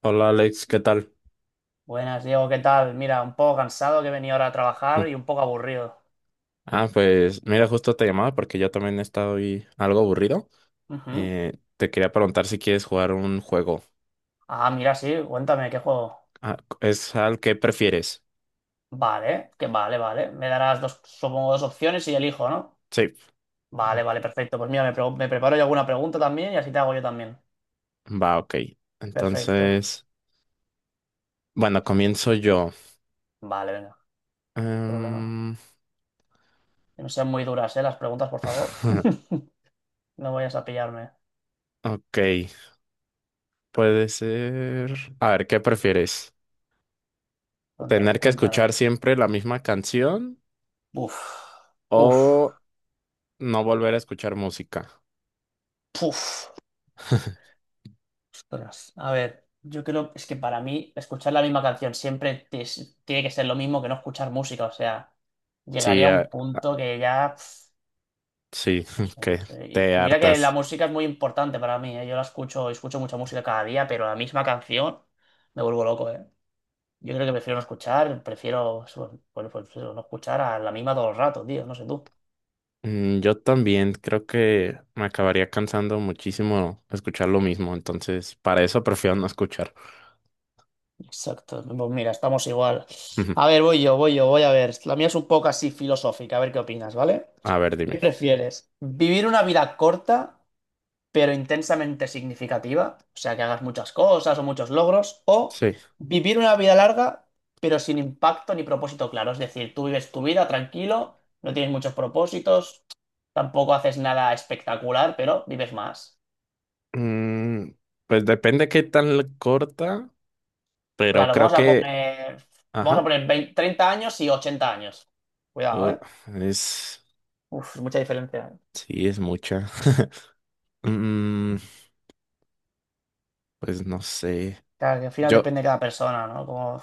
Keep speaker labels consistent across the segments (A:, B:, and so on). A: Hola Alex, ¿qué tal?
B: Buenas, Diego, ¿qué tal? Mira, un poco cansado que venía ahora a
A: Mm.
B: trabajar y un poco aburrido.
A: Ah, pues mira, justo te llamaba porque yo también he estado ahí algo aburrido.
B: Ujú.
A: Te quería preguntar si quieres jugar un juego.
B: Ah, mira, sí, cuéntame, ¿qué juego?
A: Ah, ¿es al que prefieres?
B: Vale, que vale, vale. Me darás dos, supongo, dos opciones y elijo, ¿no?
A: Sí.
B: Vale, vale, perfecto. Pues mira, me preparo yo alguna pregunta también y así te hago yo también.
A: Va, ok.
B: Perfecto.
A: Entonces, bueno, comienzo yo.
B: Vale, venga, problema.
A: Em,
B: Que no sean muy duras, ¿eh? Las preguntas, por favor. No vayas a pillarme.
A: ok, puede ser. A ver, ¿qué prefieres?
B: Cuéntame,
A: ¿Tener que
B: cuéntame.
A: escuchar siempre la misma canción
B: Uf, uf,
A: o no volver a escuchar música?
B: puf. Ostras, a ver, yo creo es que para mí escuchar la misma canción siempre tiene que ser lo mismo que no escuchar música, o sea,
A: Sí,
B: llegaría a un punto que ya, pf,
A: Sí,
B: no sé,
A: que
B: no sé. Y,
A: te
B: y mira que la
A: hartas.
B: música es muy importante para mí, ¿eh? Yo la escucho, escucho mucha música cada día, pero la misma canción me vuelvo loco, ¿eh? Yo creo que prefiero no escuchar, prefiero bueno, pues, eso, no escuchar a la misma todo el rato, tío, no sé tú.
A: Yo también creo que me acabaría cansando muchísimo escuchar lo mismo, entonces para eso prefiero no escuchar.
B: Exacto, pues mira, estamos igual.
A: Ujú.
B: A ver, voy yo, voy yo, voy a ver. La mía es un poco así filosófica, a ver qué opinas, ¿vale?
A: A ver, dime.
B: ¿Qué prefieres? ¿Vivir una vida corta pero intensamente significativa? O sea, que hagas muchas cosas o muchos logros. ¿O
A: Sí.
B: vivir una vida larga pero sin impacto ni propósito claro? Es decir, tú vives tu vida tranquilo, no tienes muchos propósitos, tampoco haces nada espectacular, pero vives más.
A: Mm, pues depende qué tan corta, pero
B: Claro,
A: creo
B: vamos a
A: que,
B: poner, vamos a
A: ajá,
B: poner 20 30 años y 80 años. Cuidado,
A: uh,
B: ¿eh?
A: es,
B: Uf, mucha diferencia.
A: sí, es mucha. Mm, pues no sé.
B: Claro, que al final
A: Yo,
B: depende de cada persona, ¿no? Como...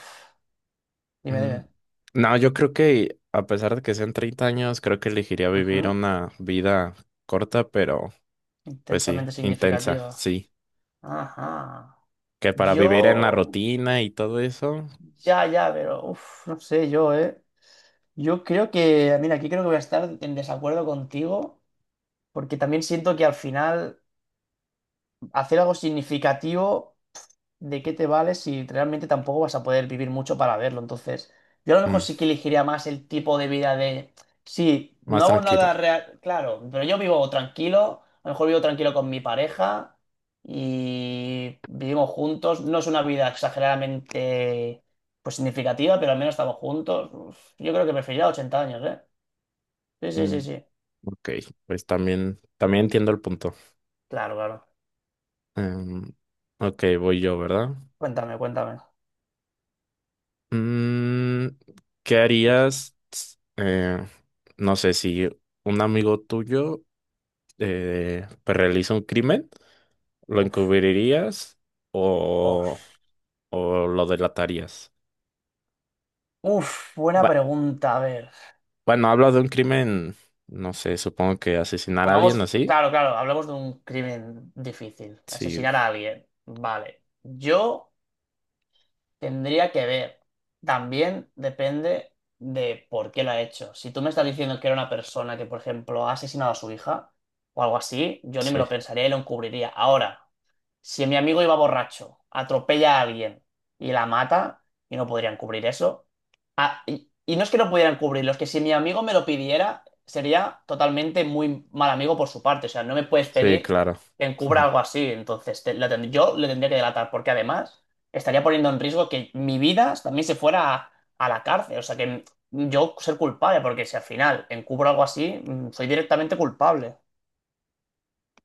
B: Dime,
A: mm,
B: dime.
A: no, yo creo que a pesar de que sean 30 años, creo que elegiría vivir
B: Ujú.
A: una vida corta, pero pues sí,
B: Intensamente
A: intensa,
B: significativa.
A: sí.
B: Ajá.
A: Que para vivir en la
B: Yo,
A: rutina y todo eso,
B: ya, ya, pero, uff, no sé, yo, ¿eh? Yo creo que, mira, aquí creo que voy a estar en desacuerdo contigo, porque también siento que al final hacer algo significativo. ¿De qué te vale si realmente tampoco vas a poder vivir mucho para verlo? Entonces, yo a lo mejor
A: mm,
B: sí que elegiría más el tipo de vida de, sí,
A: más
B: no hago nada
A: tranquila.
B: real, claro, pero yo vivo tranquilo, a lo mejor vivo tranquilo con mi pareja y vivimos juntos, no es una vida exageradamente, pues significativa, pero al menos estamos juntos. Uf, yo creo que preferiría 80 años, ¿eh? Sí, sí,
A: Mm,
B: sí, sí,
A: ok, pues también, también entiendo el punto.
B: claro, claro.
A: Em, ok, voy yo, ¿verdad?
B: Cuéntame, cuéntame.
A: Mm, ¿qué
B: Eso.
A: harías? No sé si un amigo tuyo pues realiza un crimen, ¿lo
B: Uf,
A: encubrirías o,
B: os-
A: o lo delatarías?
B: buena
A: Va-
B: pregunta, a ver.
A: bueno, hablo de un crimen, no sé, supongo que asesinar a alguien
B: Pongamos,
A: así.
B: claro, claro, hablamos de un crimen difícil,
A: Sí,
B: asesinar a alguien. Vale, yo tendría que ver. También depende de por qué lo ha hecho. Si tú me estás diciendo que era una persona que, por ejemplo, ha asesinado a su hija o algo así, yo ni me
A: sí,
B: lo pensaría y lo encubriría. Ahora, si mi amigo iba borracho, atropella a alguien y la mata, y no podrían cubrir eso. Ah, y no es que no pudieran cubrirlo, es que si mi amigo me lo pidiera, sería totalmente muy mal amigo por su parte. O sea, no me puedes
A: sí,
B: pedir
A: claro.
B: que encubra algo así. Entonces, yo le tendría que delatar, porque además estaría poniendo en riesgo que mi vida también se fuera a la cárcel. O sea, que yo ser culpable, porque si al final encubro algo así, soy directamente culpable.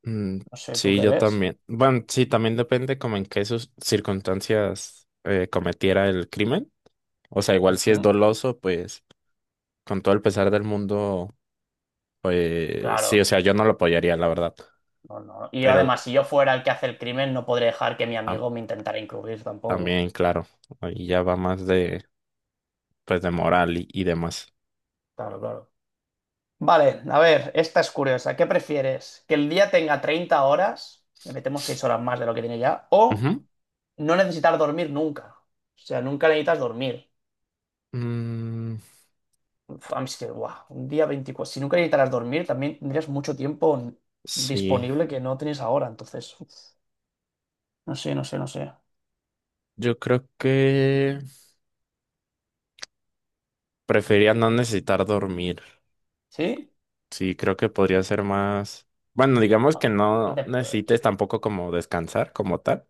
A: Mm,
B: No sé, ¿tú
A: sí,
B: qué
A: yo
B: ves?
A: también. Bueno, sí, también depende como en qué sus circunstancias cometiera el crimen. O sea, igual si es
B: Ujú.
A: doloso, pues con todo el pesar del mundo, pues sí, o
B: Claro.
A: sea, yo no lo apoyaría, la verdad.
B: No, no. Y
A: Pero
B: además, si yo fuera el que hace el crimen, no podría dejar que mi
A: tam-
B: amigo me intentara encubrir tampoco.
A: también, claro, ahí ya va más de, pues de moral y demás.
B: Claro, claro. Vale, a ver, esta es curiosa. ¿Qué prefieres? ¿Que el día tenga 30 horas? Le metemos 6 horas más de lo que tiene ya. ¿O
A: Ujú.
B: no necesitar dormir nunca? O sea, nunca necesitas dormir.
A: Mm,
B: Uf, a mí es que, guau, un día 24. Si nunca necesitaras dormir, también tendrías mucho tiempo
A: sí,
B: disponible que no tienes ahora. Entonces, uf, no sé, no sé, no sé.
A: yo creo que prefería no necesitar dormir.
B: ¿Sí?
A: Sí, creo que podría ser más. Bueno, digamos que
B: Bueno, no
A: no
B: te... Claro.
A: necesites tampoco como descansar como tal.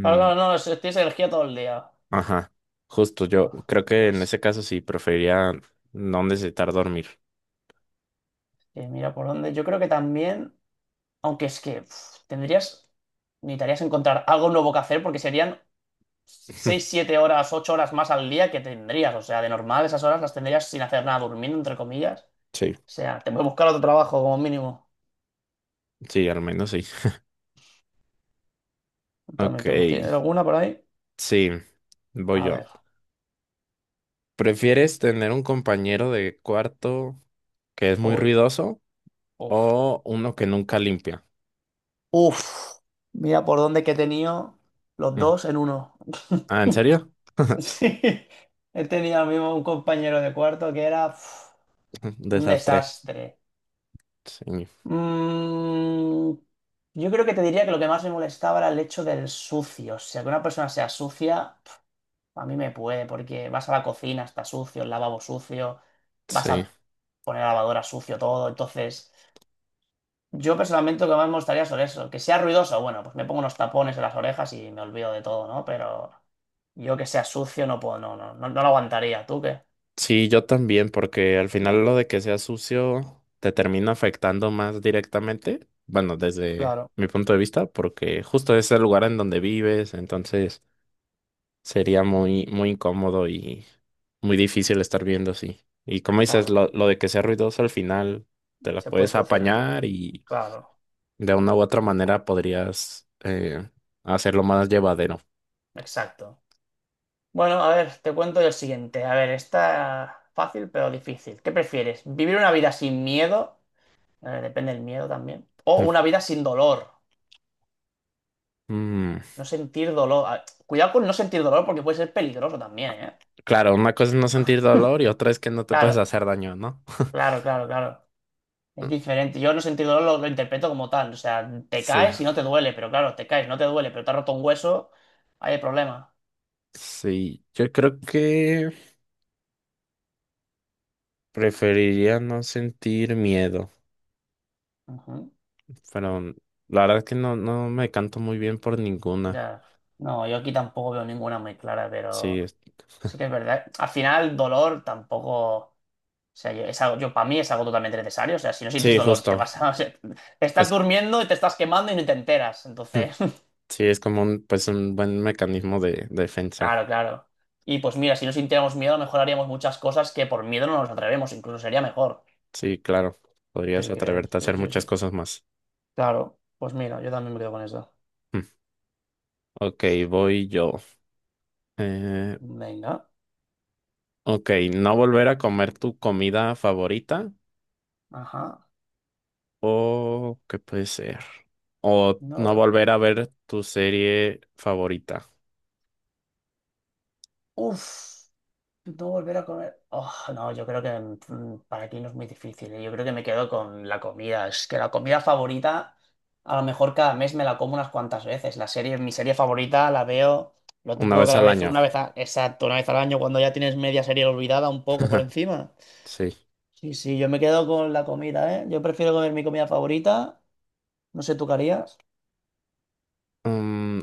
B: Claro, claro, no, tienes energía todo el día.
A: ajá, justo yo
B: Uf,
A: creo que en
B: pues
A: ese caso sí preferiría no necesitar dormir.
B: que mira por dónde. Yo creo que también, aunque es que uf, tendrías, necesitarías encontrar algo nuevo que hacer porque serían 6 7 horas, 8 horas más al día que tendrías. O sea, de normal esas horas las tendrías sin hacer nada, durmiendo, entre comillas.
A: Sí,
B: O sea, te voy a buscar otro trabajo como mínimo.
A: sí, al menos sí.
B: También
A: Ok,
B: tengo. ¿Tienes alguna por ahí?
A: sí, voy
B: A
A: yo.
B: ver.
A: ¿Prefieres tener un compañero de cuarto que es muy
B: Uy.
A: ruidoso
B: Uf.
A: o uno que nunca limpia?
B: Uf. Mira por dónde que he tenido los
A: Mm.
B: dos en uno.
A: Ah, ¿en serio?
B: Sí. He tenido mismo un compañero de cuarto que era... uf, un
A: Desastre.
B: desastre.
A: Sí,
B: Mm, yo creo que te diría que lo que más me molestaba era el hecho del sucio. O sea, que una persona sea sucia, pf, a mí me puede, porque vas a la cocina, está sucio, el lavabo sucio, vas
A: sí.
B: a poner la lavadora sucio todo. Entonces, yo personalmente lo que más me gustaría sobre eso. Que sea ruidoso, bueno, pues me pongo unos tapones en las orejas y me olvido de todo, ¿no? Pero yo que sea sucio no puedo, no, no, no, no lo aguantaría. ¿Tú qué?
A: Sí, yo también, porque al final lo de que sea sucio te termina afectando más directamente. Bueno, desde
B: Claro,
A: mi punto de vista, porque justo es el lugar en donde vives, entonces sería muy, muy incómodo y muy difícil estar viendo así. Y como dices,
B: claro,
A: lo de que sea ruidoso al final te las
B: se puede
A: puedes
B: solucionar.
A: apañar y
B: Claro,
A: de una u otra manera podrías hacerlo más llevadero.
B: exacto. Bueno, a ver, te cuento yo el siguiente. A ver, está fácil pero difícil. ¿Qué prefieres? ¿Vivir una vida sin miedo? Depende del miedo también. O una vida sin dolor.
A: Mm,
B: No sentir dolor. Ah, cuidado con no sentir dolor porque puede ser peligroso también, ¿eh?
A: claro, una cosa es no sentir dolor y otra es que no te puedes
B: Claro,
A: hacer daño, ¿no?
B: claro, claro, claro. Es diferente. Yo no sentir dolor lo interpreto como tal. O sea, te
A: Sí.
B: caes y no te duele, pero claro, te caes, no te duele, pero te has roto un hueso, hay problema.
A: Sí, yo creo que preferiría no sentir miedo,
B: Ujú,
A: pero la verdad es que no, no me canto muy bien por ninguna.
B: ya. No, yo aquí tampoco veo ninguna muy clara,
A: Sí,
B: pero...
A: es-
B: Sí que es verdad. Al final, dolor tampoco. O sea, yo, es algo, yo para mí es algo totalmente necesario. O sea, si no sientes
A: sí,
B: dolor, te
A: justo.
B: vas a. O sea, te estás
A: Es,
B: durmiendo y te estás quemando y no te enteras. Entonces,
A: sí, es como un, pues un buen mecanismo de defensa.
B: claro, claro. Y pues mira, si no sintiéramos miedo, a lo mejor haríamos muchas cosas que por miedo no nos atrevemos. Incluso sería mejor.
A: Sí, claro.
B: Sí
A: Podrías
B: que
A: atreverte a
B: sí,
A: hacer
B: sí,
A: muchas
B: sí.
A: cosas más.
B: Claro. Pues mira, yo también me quedo con eso.
A: Mm. Ok, voy yo. Eh,
B: Venga.
A: ok, no volver a comer tu comida favorita
B: Ajá.
A: o ¿qué puede ser? O no
B: No.
A: volver a ver tu serie favorita.
B: Uf. No volver a comer. Oh, no, yo creo que para ti no es muy difícil. ¿Eh? Yo creo que me quedo con la comida. Es que la comida favorita, a lo mejor cada mes me la como unas cuantas veces. La serie, mi serie favorita la veo, lo
A: Una
B: típico que
A: vez
B: la
A: al
B: vez,
A: año,
B: una vez, exacto, una vez al año, cuando ya tienes media serie olvidada un poco por encima.
A: sí.
B: Sí, sí, yo me quedo con la comida, ¿eh? Yo prefiero comer mi comida favorita. No sé, ¿tú qué harías?
A: Mm,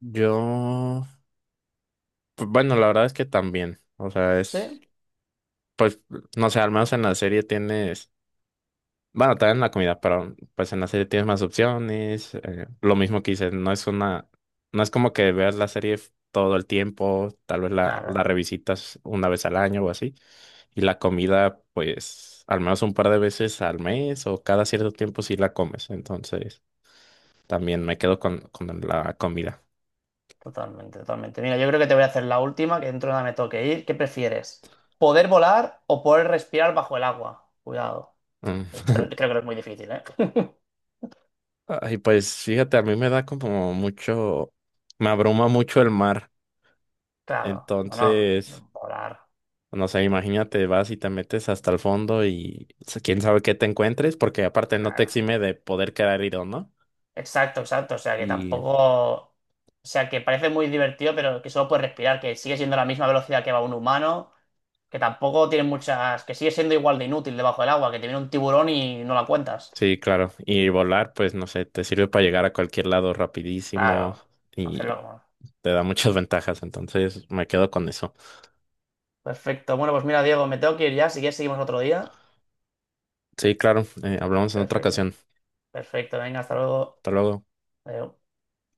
A: yo, pues bueno, la verdad es que también, o sea, es,
B: ¿Sí?
A: pues, no sé, al menos en la serie tienes, bueno, también en la comida, pero pues en la serie tienes más opciones, lo mismo que dices, no es como que veas la serie todo el tiempo, tal vez
B: Claro.
A: la revisitas una vez al año o así, y la comida, pues, al menos un par de veces al mes o cada cierto tiempo sí la comes, entonces también me quedo con la comida.
B: Totalmente, totalmente. Mira, yo creo que te voy a hacer la última, que dentro de nada me toque ir. ¿Qué prefieres? ¿Poder volar o poder respirar bajo el agua? Cuidado.
A: Mm.
B: Creo que es muy difícil, ¿eh?
A: Ay, pues fíjate, a mí me da como mucho, me abruma mucho el mar.
B: Claro, no,
A: Entonces,
B: no. Volar,
A: no sé, imagínate, vas y te metes hasta el fondo y quién sabe qué te encuentres, porque aparte no te
B: claro.
A: exime de poder quedar herido, ¿no?
B: Exacto, exacto. O sea que
A: Y
B: tampoco. O sea que parece muy divertido, pero que solo puedes respirar, que sigue siendo la misma velocidad que va un humano, que tampoco tiene muchas. Que sigue siendo igual de inútil debajo del agua, que te viene un tiburón y no la cuentas.
A: sí, claro. Y volar, pues no sé, te sirve para llegar a cualquier lado rapidísimo
B: Claro, hacerlo.
A: y
B: Como.
A: te da muchas ventajas. Entonces, me quedo con eso.
B: Perfecto. Bueno, pues mira, Diego, me tengo que ir ya. Si quieres, seguimos otro día.
A: Sí, claro, hablamos en otra
B: Perfecto.
A: ocasión.
B: Perfecto. Venga, hasta luego.
A: Hasta luego.
B: Adiós.